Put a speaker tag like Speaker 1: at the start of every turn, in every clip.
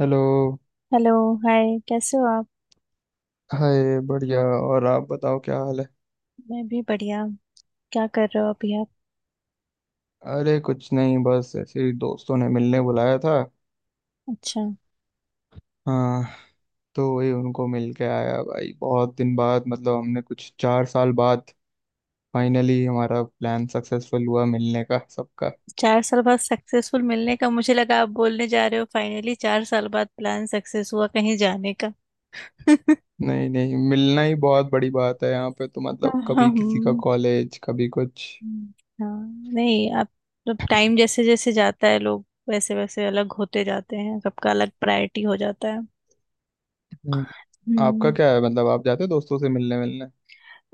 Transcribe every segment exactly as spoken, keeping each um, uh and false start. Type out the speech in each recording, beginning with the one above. Speaker 1: Hello.
Speaker 2: Hello. Hi, कैसे हो आप?
Speaker 1: हाय, बढ़िया। और आप बताओ, क्या हाल है।
Speaker 2: मैं भी बढ़िया। क्या कर रहे हो अभी आप?
Speaker 1: अरे कुछ नहीं, बस ऐसे ही दोस्तों ने मिलने बुलाया था।
Speaker 2: अच्छा।
Speaker 1: हाँ, तो वही उनको मिल के आया भाई, बहुत दिन बाद, मतलब हमने कुछ चार साल बाद फाइनली हमारा प्लान सक्सेसफुल हुआ मिलने का, सबका।
Speaker 2: चार साल बाद सक्सेसफुल मिलने का, मुझे लगा आप बोलने जा रहे हो फाइनली चार साल बाद प्लान सक्सेस हुआ कहीं जाने का।
Speaker 1: नहीं नहीं, मिलना ही बहुत बड़ी बात है यहाँ पे, तो मतलब कभी किसी का
Speaker 2: हम्म।
Speaker 1: कॉलेज, कभी कुछ।
Speaker 2: हाँ नहीं आप। तो टाइम जैसे जैसे जाता है लोग वैसे वैसे अलग होते जाते हैं, सबका अलग प्रायोरिटी हो जाता है।
Speaker 1: हम्म, आपका
Speaker 2: हम्म।
Speaker 1: क्या है, मतलब आप जाते हो दोस्तों से मिलने मिलने।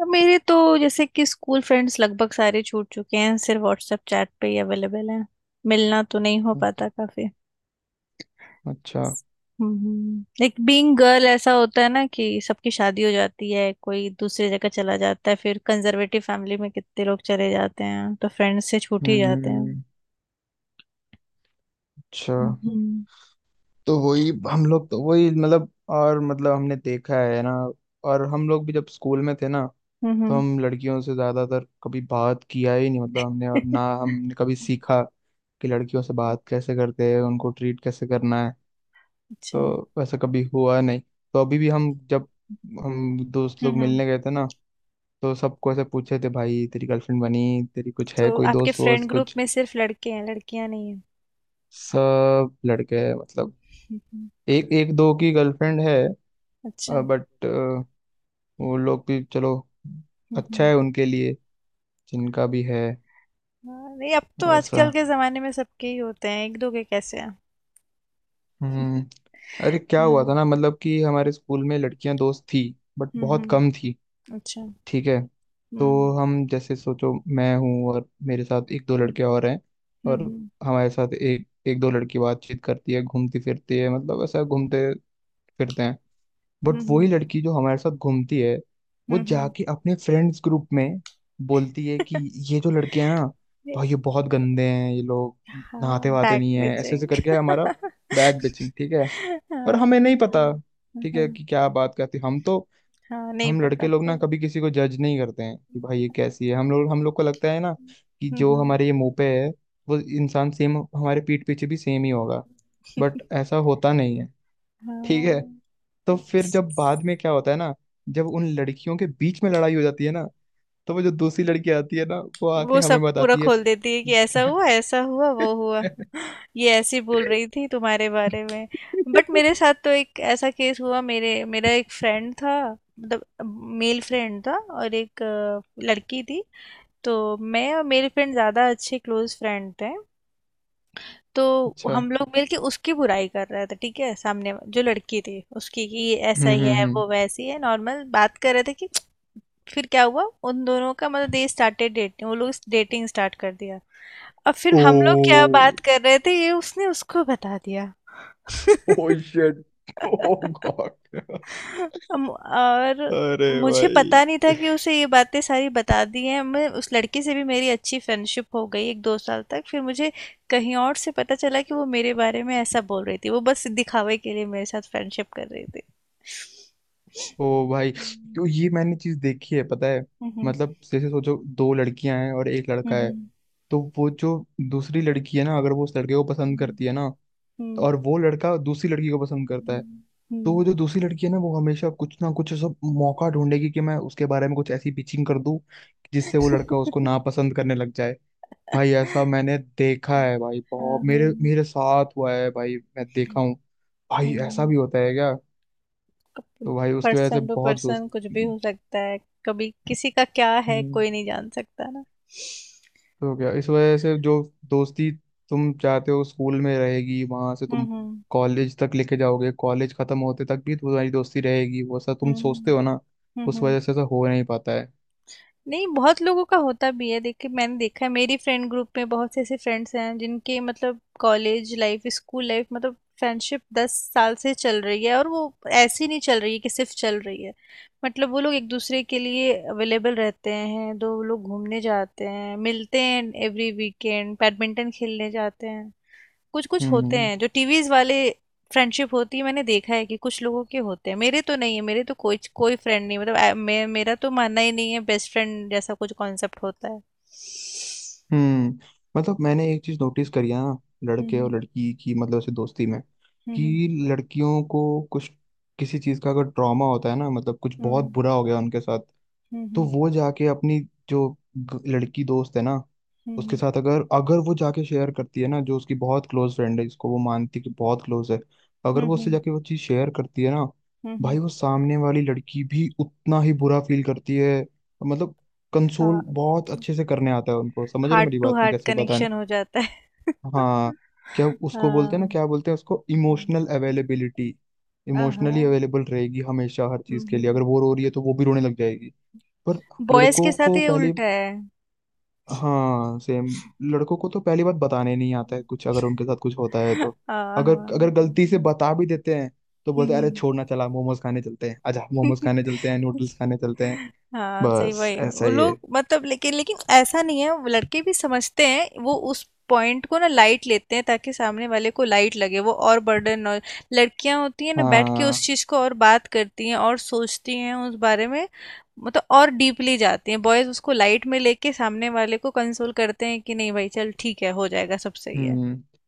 Speaker 2: अब मेरे तो जैसे कि स्कूल फ्रेंड्स लगभग सारे छूट चुके हैं, सिर्फ व्हाट्सएप चैट पे ही अवेलेबल हैं। मिलना तो नहीं हो पाता काफी।
Speaker 1: अच्छा,
Speaker 2: हम्म लाइक बीइंग गर्ल ऐसा होता है ना कि सबकी शादी हो जाती है, कोई दूसरी जगह चला जाता है, फिर कंजर्वेटिव फैमिली में कितने लोग चले जाते हैं तो फ्रेंड्स से छूट ही जाते हैं।
Speaker 1: हम्म, अच्छा,
Speaker 2: हम्म।
Speaker 1: तो वही हम लोग, तो वही मतलब, और मतलब हमने देखा है ना। और हम लोग भी जब स्कूल में थे ना, तो
Speaker 2: हम्म।
Speaker 1: हम लड़कियों से ज्यादातर कभी बात किया ही नहीं, मतलब हमने, और ना हमने कभी सीखा कि लड़कियों से बात कैसे करते हैं, उनको ट्रीट कैसे करना है।
Speaker 2: अच्छा। हम्म।
Speaker 1: तो वैसा कभी हुआ नहीं। तो अभी भी हम जब हम दोस्त लोग
Speaker 2: हम्म।
Speaker 1: मिलने गए थे ना, तो सबको ऐसे पूछे थे, भाई तेरी गर्लफ्रेंड बनी? तेरी कुछ है?
Speaker 2: तो
Speaker 1: कोई
Speaker 2: आपके
Speaker 1: दोस्त
Speaker 2: फ्रेंड
Speaker 1: वोस्त
Speaker 2: ग्रुप
Speaker 1: कुछ?
Speaker 2: में सिर्फ लड़के हैं, लड़कियां नहीं हैं?
Speaker 1: सब लड़के मतलब।
Speaker 2: हम्म।
Speaker 1: एक एक दो की गर्लफ्रेंड है।
Speaker 2: अच्छा।
Speaker 1: बट वो लोग भी चलो,
Speaker 2: हम्म।
Speaker 1: अच्छा
Speaker 2: हम्म।
Speaker 1: है उनके लिए, जिनका भी है।
Speaker 2: हाँ, नहीं अब तो
Speaker 1: वैसा।
Speaker 2: आजकल के जमाने में सबके ही होते हैं। एक दो के कैसे हैं?
Speaker 1: हम्म। अरे क्या हुआ
Speaker 2: हम्म।
Speaker 1: था ना, मतलब कि हमारे स्कूल में लड़कियां दोस्त थी, बट बहुत कम
Speaker 2: हम्म।
Speaker 1: थी।
Speaker 2: अच्छा।
Speaker 1: ठीक है। तो
Speaker 2: हम्म।
Speaker 1: हम जैसे सोचो, मैं हूँ और मेरे साथ एक दो
Speaker 2: हम्म।
Speaker 1: लड़के और हैं। और
Speaker 2: हम्म।
Speaker 1: हमारे साथ एक एक दो लड़की बातचीत करती है, घूमती फिरती है, मतलब ऐसा घूमते फिरते हैं। बट वही
Speaker 2: हम्म।
Speaker 1: लड़की जो हमारे साथ घूमती है, वो
Speaker 2: हम्म।
Speaker 1: जाके अपने फ्रेंड्स ग्रुप में बोलती
Speaker 2: ये-
Speaker 1: है कि ये जो लड़के हैं ना, भाई ये बहुत गंदे हैं ये लोग,
Speaker 2: हाँ,
Speaker 1: नहाते वहाते
Speaker 2: बैक
Speaker 1: नहीं है, ऐसे ऐसे
Speaker 2: बेचिंग।
Speaker 1: करके हमारा बैग बेचिंग। ठीक है। और
Speaker 2: हाँ
Speaker 1: हमें नहीं पता, ठीक है
Speaker 2: हाँ।
Speaker 1: कि क्या बात करती हम तो।
Speaker 2: हाँ, नहीं
Speaker 1: हम
Speaker 2: पता
Speaker 1: लड़के लोग ना
Speaker 2: सर।
Speaker 1: कभी किसी को जज नहीं करते हैं कि भाई ये कैसी है, हम लोग हम लोग को लगता है ना, कि जो
Speaker 2: हम्म।
Speaker 1: हमारे ये मुंह पे है, वो इंसान सेम हमारे पीठ पीछे भी सेम ही होगा। बट ऐसा होता नहीं है, ठीक है।
Speaker 2: हाँ।
Speaker 1: तो फिर जब बाद में क्या होता है ना, जब उन लड़कियों के बीच में लड़ाई हो जाती है ना, तो वो जो दूसरी लड़की आती है ना, वो आके
Speaker 2: वो सब
Speaker 1: हमें
Speaker 2: पूरा
Speaker 1: बताती है।
Speaker 2: खोल देती है कि ऐसा हुआ ऐसा हुआ वो हुआ, ये ऐसी बोल रही थी तुम्हारे बारे में। बट मेरे साथ तो एक ऐसा केस हुआ, मेरे मेरा एक फ्रेंड था। मतलब मेल फ्रेंड था, और एक अ, लड़की थी। तो मैं और मेरे फ्रेंड ज़्यादा अच्छे क्लोज फ्रेंड थे। तो
Speaker 1: अच्छा।
Speaker 2: हम लोग मिलके उसकी बुराई कर रहे थे, ठीक है, सामने वा- जो लड़की थी उसकी, कि ये ऐसा
Speaker 1: हम्म,
Speaker 2: ही
Speaker 1: हम्म,
Speaker 2: है
Speaker 1: हम्म।
Speaker 2: वो वैसी है, नॉर्मल बात कर रहे थे कि फिर क्या हुआ, उन दोनों का मतलब दे स्टार्टेड डेटिंग, वो लोग डेटिंग स्टार्ट कर दिया। अब फिर हम लोग क्या
Speaker 1: ओ।
Speaker 2: बात कर रहे थे ये उसने उसको बता दिया।
Speaker 1: Oh shit. ओ गॉड।
Speaker 2: अम, और
Speaker 1: अरे
Speaker 2: मुझे
Speaker 1: भाई।
Speaker 2: पता नहीं था कि उसे ये बातें सारी बता दी हैं। मैं उस लड़के से भी मेरी अच्छी फ्रेंडशिप हो गई एक दो साल तक, फिर मुझे कहीं और से पता चला कि वो मेरे बारे में ऐसा बोल रही थी, वो बस दिखावे के लिए मेरे साथ फ्रेंडशिप कर रही थी।
Speaker 1: ओ भाई।
Speaker 2: हम्म।
Speaker 1: तो ये मैंने चीज देखी है, पता है।
Speaker 2: हम्म।
Speaker 1: मतलब जैसे सोचो, दो लड़कियां हैं और एक लड़का है।
Speaker 2: हम्म।
Speaker 1: तो वो जो दूसरी लड़की है ना, अगर वो उस लड़के को पसंद करती है ना,
Speaker 2: हम्म।
Speaker 1: और वो लड़का दूसरी लड़की को पसंद करता है,
Speaker 2: हम्म।
Speaker 1: तो वो जो
Speaker 2: हम्म।
Speaker 1: दूसरी लड़की है ना, वो हमेशा कुछ ना कुछ सब मौका ढूंढेगी कि मैं उसके बारे में कुछ ऐसी पिचिंग कर दूं जिससे वो लड़का उसको
Speaker 2: हम्म।
Speaker 1: नापसंद करने लग जाए। भाई ऐसा मैंने देखा है, भाई
Speaker 2: हाँ,
Speaker 1: बहुत मेरे
Speaker 2: हाँ।
Speaker 1: मेरे साथ हुआ है भाई, मैं देखा हूँ। भाई ऐसा
Speaker 2: हम्म।
Speaker 1: भी होता है क्या। तो भाई उसकी वजह से
Speaker 2: पर्सन टू
Speaker 1: बहुत दोस्त।
Speaker 2: पर्सन कुछ भी हो सकता है। कभी किसी का क्या है,
Speaker 1: हम्म।
Speaker 2: कोई नहीं जान सकता ना।
Speaker 1: तो क्या इस वजह से जो दोस्ती तुम चाहते हो स्कूल में रहेगी, वहां से तुम
Speaker 2: हम्म। हम्म।
Speaker 1: कॉलेज तक लेके जाओगे, कॉलेज खत्म होते तक भी तुम्हारी दोस्ती रहेगी वो, ऐसा तुम सोचते
Speaker 2: हम्म।
Speaker 1: हो ना, उस
Speaker 2: हम्म।
Speaker 1: वजह से ऐसा हो नहीं पाता है।
Speaker 2: नहीं, बहुत लोगों का होता भी है। देखिए मैंने देखा है, मेरी फ्रेंड ग्रुप में बहुत से ऐसे फ्रेंड्स हैं जिनके मतलब कॉलेज लाइफ स्कूल लाइफ मतलब फ्रेंडशिप दस साल से चल रही है, और वो ऐसी नहीं चल रही है कि सिर्फ चल रही है। मतलब वो लोग एक दूसरे के लिए अवेलेबल रहते हैं, दो लोग घूमने जाते हैं, मिलते हैं, एवरी वीकेंड बैडमिंटन खेलने जाते हैं। कुछ कुछ होते
Speaker 1: हम्म,
Speaker 2: हैं जो टीवीज वाले फ्रेंडशिप होती है, मैंने देखा है कि कुछ लोगों के होते हैं, मेरे तो नहीं है। मेरे तो कोई कोई फ्रेंड नहीं, मतलब आ, मे, मेरा तो मानना ही नहीं है बेस्ट फ्रेंड जैसा कुछ कॉन्सेप्ट होता है।
Speaker 1: हम्म। मतलब मैंने एक चीज नोटिस करी है ना, लड़के और
Speaker 2: हम्म।
Speaker 1: लड़की की, मतलब ऐसे दोस्ती में,
Speaker 2: हम्म।
Speaker 1: कि लड़कियों को कुछ, किसी चीज का अगर ट्रॉमा होता है ना, मतलब कुछ बहुत
Speaker 2: हम्म।
Speaker 1: बुरा हो गया उनके साथ, तो
Speaker 2: हम्म।
Speaker 1: वो जाके अपनी जो ग- लड़की दोस्त है ना, उसके
Speaker 2: हम्म।
Speaker 1: साथ अगर अगर वो जाके शेयर करती है ना जो उसकी बहुत क्लोज फ्रेंड है, जिसको वो मानती है कि बहुत क्लोज है, अगर
Speaker 2: हम्म।
Speaker 1: वो उससे
Speaker 2: हम्म।
Speaker 1: जाके वो चीज़ शेयर करती है ना,
Speaker 2: हम्म।
Speaker 1: भाई वो सामने वाली लड़की भी उतना ही बुरा फील करती है। मतलब कंसोल
Speaker 2: हाँ।
Speaker 1: बहुत अच्छे से करने आता है उनको, समझ रहे हो
Speaker 2: हार्ट
Speaker 1: मेरी
Speaker 2: टू
Speaker 1: बात, में
Speaker 2: हार्ट
Speaker 1: कैसे बताने।
Speaker 2: कनेक्शन हो जाता है।
Speaker 1: हाँ, क्या उसको बोलते हैं ना,
Speaker 2: हाँ।
Speaker 1: क्या बोलते हैं उसको, इमोशनल अवेलेबिलिटी। इमोशनली
Speaker 2: हाँ।
Speaker 1: अवेलेबल रहेगी हमेशा हर चीज़ के लिए, अगर वो रो रही है तो वो भी रोने लग जाएगी। पर
Speaker 2: बॉयज
Speaker 1: लड़कों
Speaker 2: के साथ
Speaker 1: को
Speaker 2: ये
Speaker 1: पहली।
Speaker 2: उल्टा है।
Speaker 1: हाँ सेम। लड़कों को तो पहली बात बताने नहीं आता है कुछ, अगर उनके साथ कुछ होता है तो अगर
Speaker 2: हाँ।
Speaker 1: अगर गलती से बता भी देते हैं, तो बोलते हैं अरे
Speaker 2: हम्म।
Speaker 1: छोड़ना, चला मोमोज खाने चलते हैं, अच्छा मोमोज खाने चलते हैं, नूडल्स खाने चलते हैं।
Speaker 2: हाँ सही,
Speaker 1: बस
Speaker 2: वही
Speaker 1: ऐसा
Speaker 2: वो
Speaker 1: ही है।
Speaker 2: लोग मतलब लेकिन लेकिन ऐसा नहीं है, वो लड़के भी समझते हैं, वो उस पॉइंट को ना लाइट लेते हैं ताकि सामने वाले को लाइट लगे वो और बर्डन और। लड़कियां होती हैं ना बैठ के उस
Speaker 1: हाँ,
Speaker 2: चीज को और बात करती हैं और सोचती हैं उस बारे में, मतलब और डीपली जाती हैं। बॉयज उसको लाइट में लेके सामने वाले को कंसोल करते हैं कि नहीं भाई चल ठीक है हो जाएगा सब सही है।
Speaker 1: हम्म।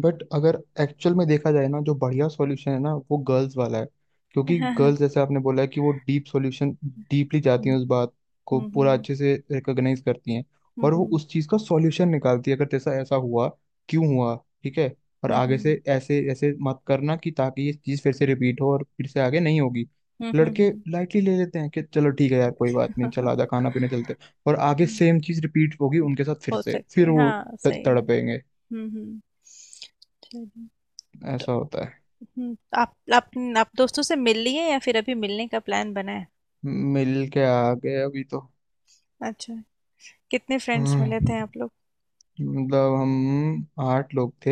Speaker 1: बट अगर एक्चुअल में देखा जाए ना, जो बढ़िया सॉल्यूशन है ना, वो गर्ल्स वाला है। क्योंकि
Speaker 2: हाँ, हाँ।
Speaker 1: गर्ल्स, जैसे आपने बोला है कि वो डीप सॉल्यूशन, डीपली जाती हैं
Speaker 2: हम्म।
Speaker 1: उस बात को, पूरा
Speaker 2: हम्म।
Speaker 1: अच्छे से रिकॉग्नाइज करती हैं। और वो
Speaker 2: हम्म।
Speaker 1: उस चीज़ का सॉल्यूशन निकालती है, अगर जैसा ऐसा हुआ, क्यों हुआ, ठीक है, और
Speaker 2: हम्म।
Speaker 1: आगे
Speaker 2: हम्म।
Speaker 1: से ऐसे ऐसे मत करना कि, ताकि ये चीज़ फिर से रिपीट हो और फिर से आगे नहीं होगी।
Speaker 2: हम्म। हम्म।
Speaker 1: लड़के
Speaker 2: हम्म।
Speaker 1: लाइटली ले लेते हैं कि चलो ठीक है यार, कोई बात नहीं, चल
Speaker 2: हम्म।
Speaker 1: आजा, खाना पीने चलते हैं। और आगे
Speaker 2: हम्म।
Speaker 1: सेम चीज़ रिपीट होगी उनके साथ फिर
Speaker 2: हो
Speaker 1: से,
Speaker 2: सकते
Speaker 1: फिर
Speaker 2: हैं,
Speaker 1: वो
Speaker 2: हाँ
Speaker 1: त-
Speaker 2: सही में।
Speaker 1: तड़पेंगे।
Speaker 2: हम्म। हम्म। चलिए। तो
Speaker 1: ऐसा होता है।
Speaker 2: हम्म आप आप आप दोस्तों से मिल लिए या फिर अभी मिलने का प्लान बना है?
Speaker 1: मिल के आ गए अभी तो।
Speaker 2: अच्छा। कितने फ्रेंड्स मिले
Speaker 1: हम्म,
Speaker 2: थे आप लोग?
Speaker 1: मतलब हम आठ लोग थे,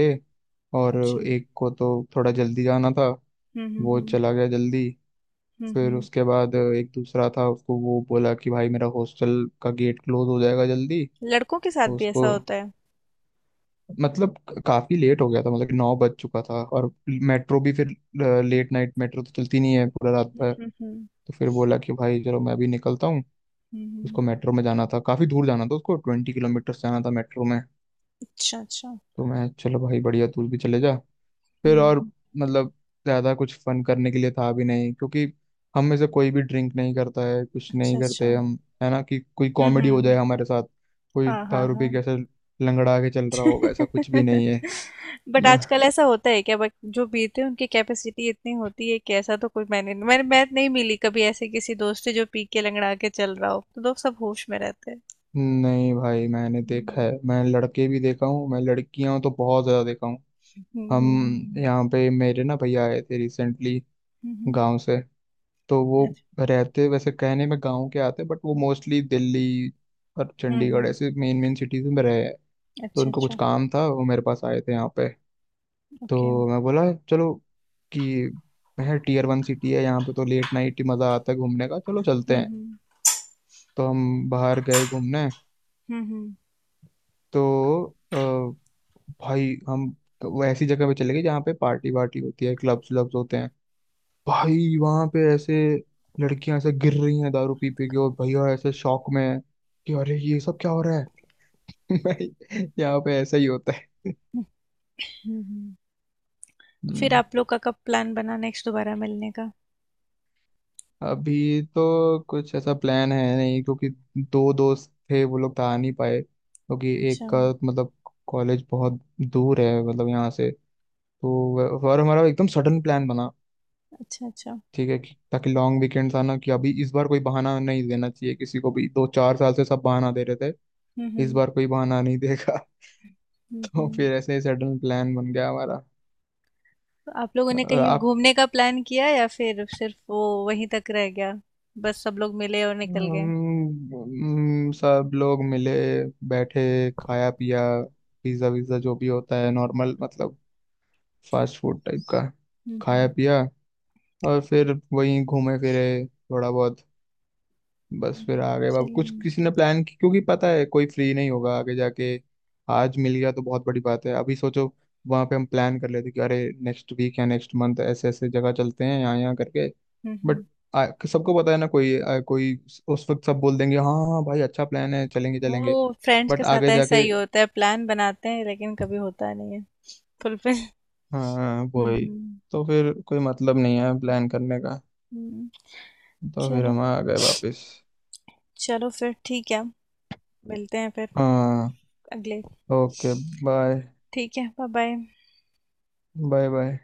Speaker 1: और
Speaker 2: अच्छा। हम्म।
Speaker 1: एक को तो थोड़ा जल्दी जाना था,
Speaker 2: हम्म।
Speaker 1: वो
Speaker 2: हम्म।
Speaker 1: चला गया जल्दी।
Speaker 2: हम्म।
Speaker 1: फिर
Speaker 2: हम्म।
Speaker 1: उसके बाद एक दूसरा था, उसको वो बोला कि भाई मेरा हॉस्टल का गेट क्लोज हो जाएगा जल्दी।
Speaker 2: लड़कों के साथ भी ऐसा
Speaker 1: उसको
Speaker 2: होता है।
Speaker 1: मतलब काफ़ी लेट हो गया था, मतलब कि नौ बज चुका था और मेट्रो भी फिर, लेट नाइट मेट्रो तो चलती नहीं है पूरा रात
Speaker 2: हम्म।
Speaker 1: भर।
Speaker 2: हम्म। हम्म।
Speaker 1: तो फिर बोला कि भाई चलो, मैं अभी निकलता हूँ।
Speaker 2: हम्म।
Speaker 1: उसको
Speaker 2: हम्म।
Speaker 1: मेट्रो में जाना था, काफ़ी दूर जाना था, उसको ट्वेंटी किलोमीटर जाना था मेट्रो में।
Speaker 2: अच्छा, अच्छा।
Speaker 1: तो मैं चलो भाई बढ़िया, तू भी चले जा। फिर और
Speaker 2: हम्म।
Speaker 1: मतलब ज़्यादा कुछ फन करने के लिए था भी नहीं, क्योंकि हम में से कोई भी ड्रिंक नहीं करता है, कुछ
Speaker 2: अच्छा,
Speaker 1: नहीं
Speaker 2: अच्छा।
Speaker 1: करते
Speaker 2: हम्म।
Speaker 1: हम। है ना कि कोई कॉमेडी हो जाए
Speaker 2: हम्म।
Speaker 1: हमारे साथ, कोई
Speaker 2: हाँ, हाँ,
Speaker 1: दारू पी
Speaker 2: हाँ।
Speaker 1: कैसे लंगड़ा के चल रहा होगा, ऐसा कुछ भी नहीं है।
Speaker 2: बट
Speaker 1: ना-
Speaker 2: आजकल ऐसा होता है क्या? बट जो पीते हैं उनकी कैपेसिटी इतनी होती है कि ऐसा तो कोई, मैंने मैंने मैं नहीं मिली कभी ऐसे किसी दोस्त से जो पी के लंगड़ा के चल रहा हो। तो दोस्त सब होश में रहते हैं।
Speaker 1: नहीं भाई, मैंने देखा है,
Speaker 2: हम्म।
Speaker 1: मैं लड़के भी देखा हूँ, मैं लड़कियां तो बहुत ज़्यादा देखा हूँ।
Speaker 2: हम्म।
Speaker 1: हम
Speaker 2: हम्म।
Speaker 1: यहाँ पे मेरे ना भैया आए थे रिसेंटली,
Speaker 2: हम्म। हम्म।
Speaker 1: गाँव से। तो वो
Speaker 2: अच्छा।
Speaker 1: रहते वैसे कहने में गाँव के आते, बट वो मोस्टली दिल्ली और
Speaker 2: हम्म।
Speaker 1: चंडीगढ़
Speaker 2: हम्म।
Speaker 1: ऐसे मेन मेन सिटीज में रहे हैं। तो
Speaker 2: अच्छा,
Speaker 1: उनको कुछ
Speaker 2: अच्छा।
Speaker 1: काम था, वो मेरे पास आए थे यहाँ पे।
Speaker 2: ओके। हम्म।
Speaker 1: तो मैं बोला चलो कि है टीयर वन सिटी है यहाँ पे, तो लेट नाइट ही मज़ा आता है घूमने का, चलो चलते हैं।
Speaker 2: हम्म।
Speaker 1: तो हम बाहर गए घूमने।
Speaker 2: हम्म। हम्म।
Speaker 1: तो अ, भाई हम, तो वो ऐसी जगह पे चले गए जहाँ पे पार्टी वार्टी होती है, क्लब्स व्लब्स होते हैं। भाई वहां पे ऐसे लड़कियां ऐसे गिर रही हैं दारू पी पी के, और भैया ऐसे शौक में है कि अरे ये सब क्या हो रहा है। भाई यहाँ पे ऐसा ही होता है।
Speaker 2: हम्म। हम्म। तो फिर
Speaker 1: हम्म।
Speaker 2: आप लोग का कब प्लान बना नेक्स्ट दोबारा मिलने का?
Speaker 1: अभी तो कुछ ऐसा प्लान है नहीं, क्योंकि दो दोस्त थे वो लोग तो आ नहीं पाए, क्योंकि एक
Speaker 2: अच्छा।
Speaker 1: का मतलब कॉलेज बहुत दूर है मतलब यहाँ से। तो वह- और हमारा एकदम सडन प्लान बना।
Speaker 2: अच्छा। अच्छा।
Speaker 1: ठीक है कि ताकि लॉन्ग वीकेंड्स आना, कि अभी इस बार कोई बहाना नहीं देना चाहिए किसी को भी, दो चार साल से सब बहाना दे रहे थे।
Speaker 2: हम्म।
Speaker 1: इस
Speaker 2: हम्म।
Speaker 1: बार कोई बहाना नहीं देगा। और
Speaker 2: हम्म।
Speaker 1: फिर ऐसे ही सडन प्लान बन गया हमारा।
Speaker 2: तो आप लोगों ने
Speaker 1: और
Speaker 2: कहीं
Speaker 1: आप।
Speaker 2: घूमने का प्लान किया या फिर सिर्फ वो वहीं तक रह गया? बस सब लोग मिले और निकल
Speaker 1: हम
Speaker 2: गए?
Speaker 1: हम सब लोग मिले, बैठे, खाया पिया, पिज्ज़ा विज़्ज़ा जो भी होता है नॉर्मल मतलब फास्ट फूड टाइप का,
Speaker 2: हम्म।
Speaker 1: खाया
Speaker 2: हम्म।
Speaker 1: पिया, और फिर वहीं घूमे फिरे थोड़ा बहुत, बस फिर
Speaker 2: हम्म।
Speaker 1: आ गए। बाबू
Speaker 2: चलो।
Speaker 1: कुछ
Speaker 2: हम्म।
Speaker 1: किसी ने प्लान की, क्योंकि पता है कोई फ्री नहीं होगा आगे जाके। आज मिल गया तो बहुत बड़ी बात है, अभी सोचो वहां पे हम प्लान कर लेते कि अरे नेक्स्ट वीक या नेक्स्ट मंथ ऐसे ऐसे जगह चलते हैं यहाँ यहाँ करके। बट
Speaker 2: हम्म।
Speaker 1: आ- सबको पता है ना, कोई आ, कोई उस उस वक्त सब बोल देंगे हाँ हाँ भाई, अच्छा प्लान है, चलेंगे
Speaker 2: वो
Speaker 1: चलेंगे।
Speaker 2: फ्रेंड्स के
Speaker 1: बट
Speaker 2: साथ
Speaker 1: आगे
Speaker 2: ऐसा
Speaker 1: जाके।
Speaker 2: ही होता है, प्लान बनाते हैं लेकिन कभी होता नहीं है फुलफिल।
Speaker 1: हाँ
Speaker 2: हम्म।
Speaker 1: वही,
Speaker 2: हम्म।
Speaker 1: तो फिर कोई मतलब नहीं है प्लान करने का।
Speaker 2: हम्म।
Speaker 1: तो फिर
Speaker 2: चलो।
Speaker 1: हम आ गए वापस।
Speaker 2: चलो फिर ठीक है, मिलते हैं फिर
Speaker 1: हाँ,
Speaker 2: अगले।
Speaker 1: ओके, बाय,
Speaker 2: ठीक है, बाय बाय।
Speaker 1: Bye bye.